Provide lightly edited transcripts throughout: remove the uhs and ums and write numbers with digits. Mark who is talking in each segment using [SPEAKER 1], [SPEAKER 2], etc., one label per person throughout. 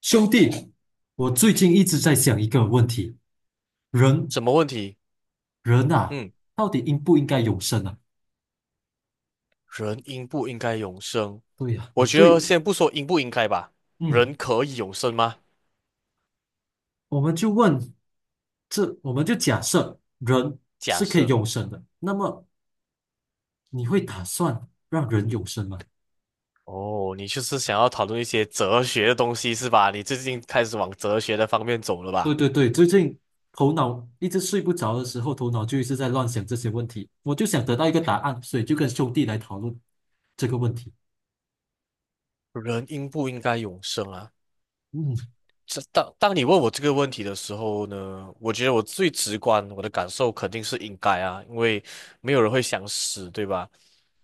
[SPEAKER 1] 兄弟，我最近一直在想一个问题：人，
[SPEAKER 2] 什么问题？
[SPEAKER 1] 人啊，
[SPEAKER 2] 嗯，
[SPEAKER 1] 到底应不应该永生啊？
[SPEAKER 2] 人应不应该永生？
[SPEAKER 1] 对呀，你
[SPEAKER 2] 我觉得
[SPEAKER 1] 对，
[SPEAKER 2] 先不说应不应该吧，
[SPEAKER 1] 嗯，
[SPEAKER 2] 人可以永生吗？
[SPEAKER 1] 我们就问，我们就假设人
[SPEAKER 2] 假
[SPEAKER 1] 是可以
[SPEAKER 2] 设
[SPEAKER 1] 永生的，那么你会打算让人永生吗？
[SPEAKER 2] 哦，你就是想要讨论一些哲学的东西是吧？你最近开始往哲学的方面走了
[SPEAKER 1] 对
[SPEAKER 2] 吧？
[SPEAKER 1] 对对，最近头脑一直睡不着的时候，头脑就一直在乱想这些问题，我就想得到一个答案，所以就跟兄弟来讨论这个问题。
[SPEAKER 2] 人应不应该永生啊？
[SPEAKER 1] 嗯。
[SPEAKER 2] 这当你问我这个问题的时候呢，我觉得我最直观，我的感受肯定是应该啊，因为没有人会想死，对吧？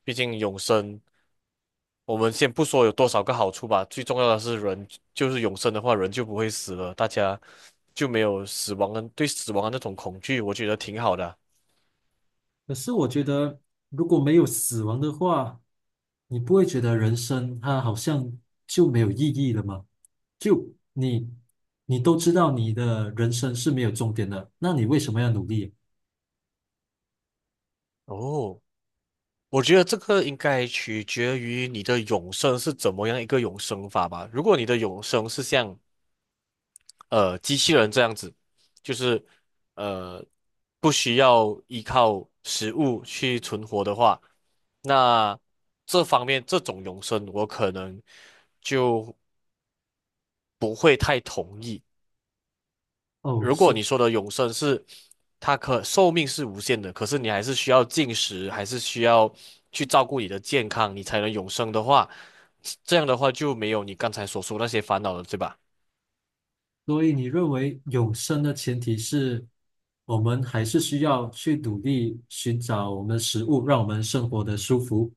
[SPEAKER 2] 毕竟永生。我们先不说有多少个好处吧，最重要的是人就是永生的话，人就不会死了，大家就没有死亡的对死亡的那种恐惧，我觉得挺好的啊。
[SPEAKER 1] 可是我觉得，如果没有死亡的话，你不会觉得人生它好像就没有意义了吗？就你，你都知道你的人生是没有终点的，那你为什么要努力？
[SPEAKER 2] 哦，我觉得这个应该取决于你的永生是怎么样一个永生法吧。如果你的永生是像机器人这样子，就是呃不需要依靠食物去存活的话，那这方面这种永生我可能。就不会太同意。
[SPEAKER 1] 哦，
[SPEAKER 2] 如果你说的永生是它可寿命是无限的，可是你还是需要进食，还是需要去照顾你的健康，你才能永生的话，这样的话就没有你刚才所说那些烦恼了，对吧？
[SPEAKER 1] 所以你认为永生的前提是我们还是需要去努力寻找我们的食物，让我们生活的舒服。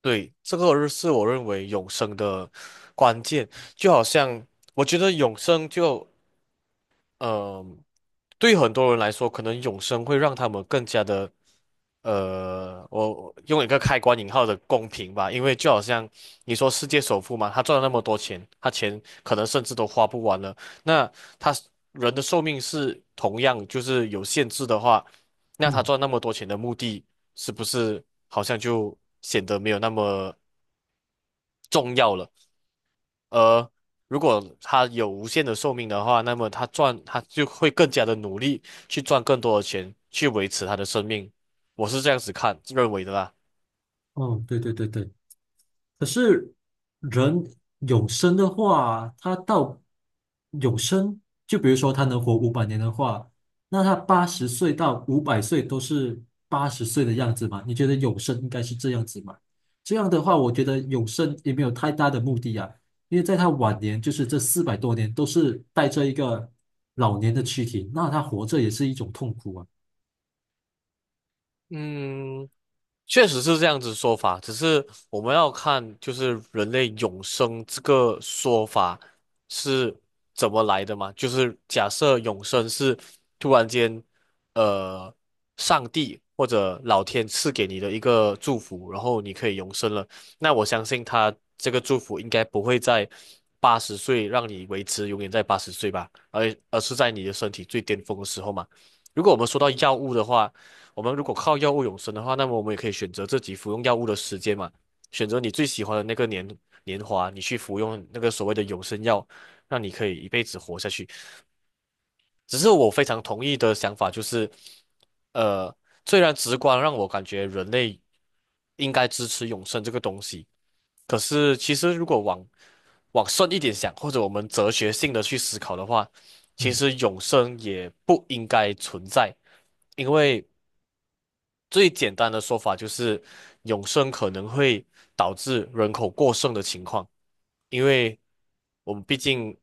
[SPEAKER 2] 对，这个是我认为永生的关键，就好像我觉得永生就呃，对很多人来说，可能永生会让他们更加的，我用一个开关引号的公平吧，因为就好像你说世界首富嘛，他赚了那么多钱，他钱可能甚至都花不完了，那他人的寿命是同样就是有限制的话，那他
[SPEAKER 1] 嗯，
[SPEAKER 2] 赚那么多钱的目的是不是好像就显得没有那么重要了？而如果他有无限的寿命的话，那么他就会更加的努力去赚更多的钱，去维持他的生命。我是这样子看，认为的啦。
[SPEAKER 1] 哦，对对对对。可是人永生的话，他到永生，就比如说他能活500年的话，那他80岁到500岁都是八十岁的样子嘛？你觉得永生应该是这样子吗？这样的话，我觉得永生也没有太大的目的啊，因为在他晚年，就是这400多年都是带着一个老年的躯体，那他活着也是一种痛苦啊。
[SPEAKER 2] 嗯，确实是这样子说法，只是我们要看就是人类永生这个说法是怎么来的嘛？就是假设永生是突然间，呃，上帝或者老天赐给你的一个祝福，然后你可以永生了，那我相信他这个祝福应该不会在八十岁让你维持永远在八十岁吧，而是在你的身体最巅峰的时候嘛。如果我们说到药物的话，我们如果靠药物永生的话，那么我们也可以选择自己服用药物的时间嘛，选择你最喜欢的那个年华，你去服用那个所谓的永生药，让你可以一辈子活下去。只是我非常同意的想法就是，呃，虽然直观让我感觉人类应该支持永生这个东西，可是其实如果往深一点想，或者我们哲学性的去思考的话，其
[SPEAKER 1] 嗯，
[SPEAKER 2] 实永生也不应该存在，因为。最简单的说法就是永生可能会导致人口过剩的情况，因为我们毕竟，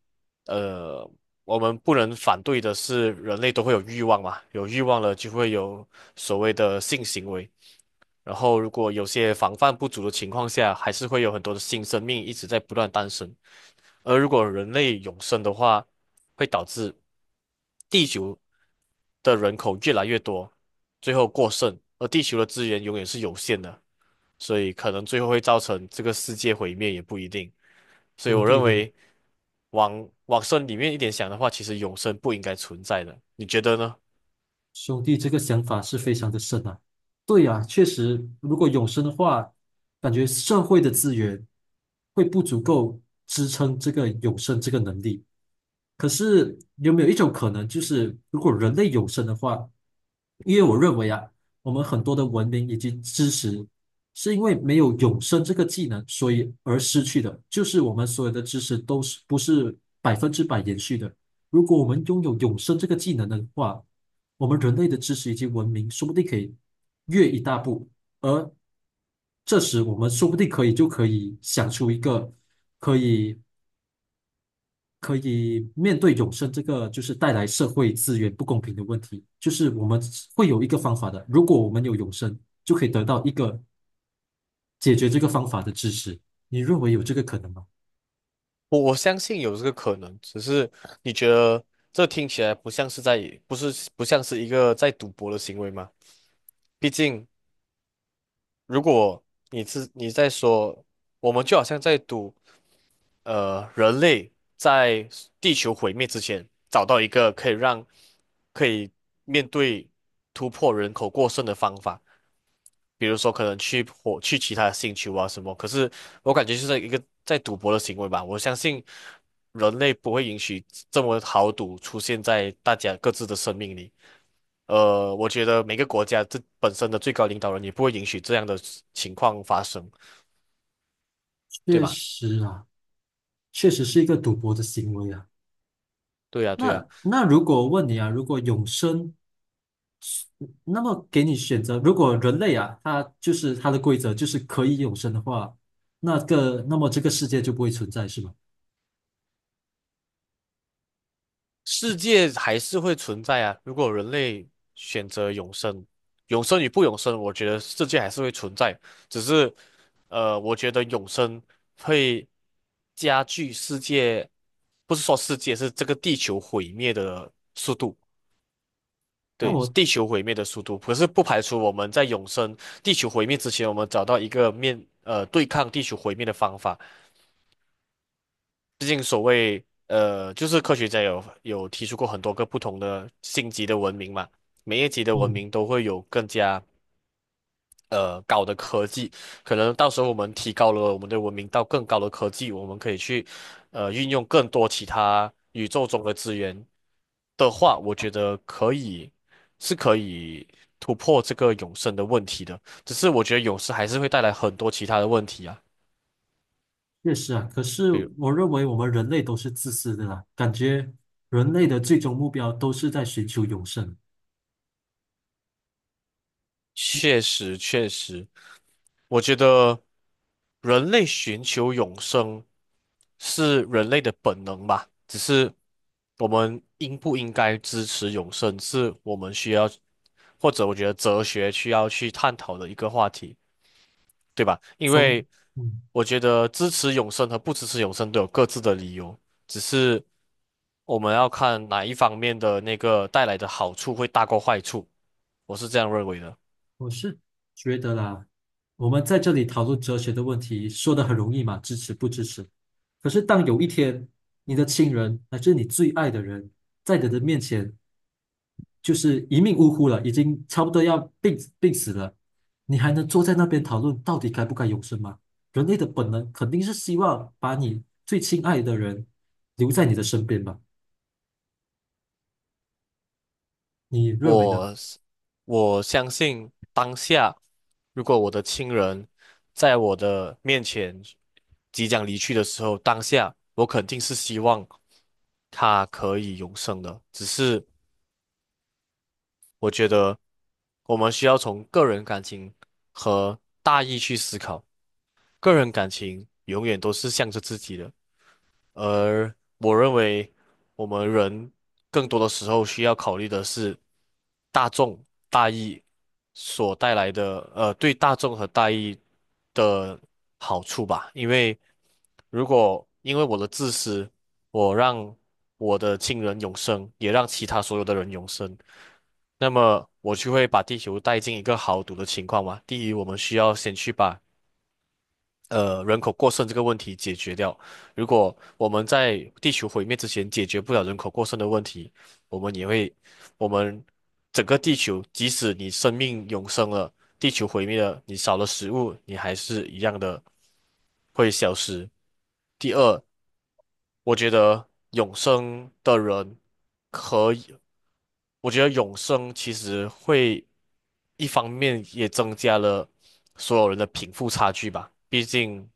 [SPEAKER 2] 呃，我们不能反对的是人类都会有欲望嘛，有欲望了就会有所谓的性行为，然后如果有些防范不足的情况下，还是会有很多的新生命一直在不断诞生。而如果人类永生的话，会导致地球的人口越来越多，最后过剩，而地球的资源永远是有限的，所以可能最后会造成这个世界毁灭也不一定。所以
[SPEAKER 1] 兄
[SPEAKER 2] 我
[SPEAKER 1] 弟
[SPEAKER 2] 认
[SPEAKER 1] 的。
[SPEAKER 2] 为往深里面一点想的话，其实永生不应该存在的，你觉得呢？
[SPEAKER 1] 兄弟，这个想法是非常的深啊。对呀，确实，如果永生的话，感觉社会的资源会不足够支撑这个永生这个能力。可是有没有一种可能，就是如果人类永生的话，因为我认为啊，我们很多的文明以及知识，是因为没有永生这个技能，所以而失去的。就是我们所有的知识都是不是100%延续的。如果我们拥有永生这个技能的话，我们人类的知识以及文明说不定可以越一大步。而这时，我们说不定可以就可以想出一个可以可以面对永生这个就是带来社会资源不公平的问题，就是我们会有一个方法的。如果我们有永生，就可以得到一个解决这个方法的支持。你认为有这个可能吗？
[SPEAKER 2] 我相信有这个可能，只是你觉得这听起来不像是在，不像是一个在赌博的行为吗？毕竟如果你是你在说，我们就好像在赌。人类在地球毁灭之前，找到一个可以让可以面对突破人口过剩的方法，比如说可能去其他的星球啊什么。可是我感觉就是一个在赌博的行为吧。我相信人类不会允许这么豪赌出现在大家各自的生命里。我觉得每个国家这本身的最高领导人也不会允许这样的情况发生，对
[SPEAKER 1] 确
[SPEAKER 2] 吗？
[SPEAKER 1] 实啊，确实是一个赌博的行为啊。
[SPEAKER 2] 对呀，对呀。
[SPEAKER 1] 那如果问你啊，如果永生，那么给你选择，如果人类啊，他就是他的规则就是可以永生的话，那么这个世界就不会存在，是吗？
[SPEAKER 2] 世界还是会存在啊。如果人类选择永生，永生与不永生，我觉得世界还是会存在。只是，我觉得永生会加剧世界，不是说世界，是这个地球毁灭的速度。
[SPEAKER 1] 那
[SPEAKER 2] 对，
[SPEAKER 1] 我
[SPEAKER 2] 地球毁灭的速度，可是不排除我们在永生、地球毁灭之前，我们找到一个面，对抗地球毁灭的方法。毕竟所谓就是科学家有提出过很多个不同的星级的文明嘛，每一级的文
[SPEAKER 1] 嗯。
[SPEAKER 2] 明都会有更加高的科技，可能到时候我们提高了我们的文明到更高的科技，我们可以去运用更多其他宇宙中的资源的话，我觉得可以是可以突破这个永生的问题的，只是我觉得永生还是会带来很多其他的问题啊，
[SPEAKER 1] 确实啊，可是
[SPEAKER 2] 比如
[SPEAKER 1] 我认为我们人类都是自私的啦，感觉人类的最终目标都是在寻求永生。
[SPEAKER 2] 确实确实。我觉得人类寻求永生是人类的本能吧，只是我们应不应该支持永生，是我们需要，或者我觉得哲学需要去探讨的一个话题，对吧？因
[SPEAKER 1] 从，
[SPEAKER 2] 为
[SPEAKER 1] 嗯，
[SPEAKER 2] 我觉得支持永生和不支持永生都有各自的理由，只是我们要看哪一方面的那个带来的好处会大过坏处，我是这样认为的。
[SPEAKER 1] 我是觉得啦，我们在这里讨论哲学的问题，说的很容易嘛，支持不支持？可是当有一天你的亲人乃至你最爱的人在你的面前就是一命呜呼了，已经差不多要病死了，你还能坐在那边讨论到底该不该永生吗？人类的本能肯定是希望把你最亲爱的人留在你的身边吧？你认为呢？
[SPEAKER 2] 我是我相信当下，如果我的亲人在我的面前即将离去的时候，当下我肯定是希望他可以永生的。只是我觉得我们需要从个人感情和大义去思考，个人感情永远都是向着自己的。而我认为，我们人更多的时候需要考虑的是大众大义所带来的，对大众和大义的好处吧。因为如果因为我的自私，我让我的亲人永生，也让其他所有的人永生，那么我就会把地球带进一个豪赌的情况嘛。第一，我们需要先去把人口过剩这个问题解决掉。如果我们在地球毁灭之前解决不了人口过剩的问题，我们也会，我们整个地球，即使你生命永生了，地球毁灭了，你少了食物，你还是一样的会消失。第二，我觉得永生的人可以，我觉得永生其实会一方面也增加了所有人的贫富差距吧，毕竟。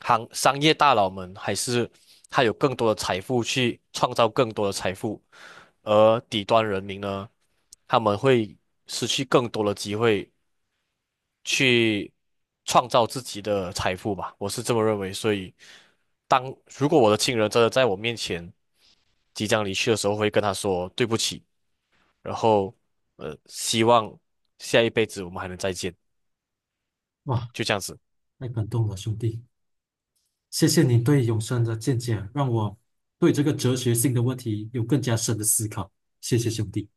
[SPEAKER 2] 行商业大佬们，还是他有更多的财富去创造更多的财富，而底端人民呢，他们会失去更多的机会去创造自己的财富吧，我是这么认为。所以，当如果我的亲人真的在我面前即将离去的时候，我会跟他说对不起，然后希望下一辈子我们还能再见，
[SPEAKER 1] 哇，
[SPEAKER 2] 就这样子。
[SPEAKER 1] 太感动了，兄弟，谢谢你对永生的见解，让我对这个哲学性的问题有更加深的思考，谢谢兄弟。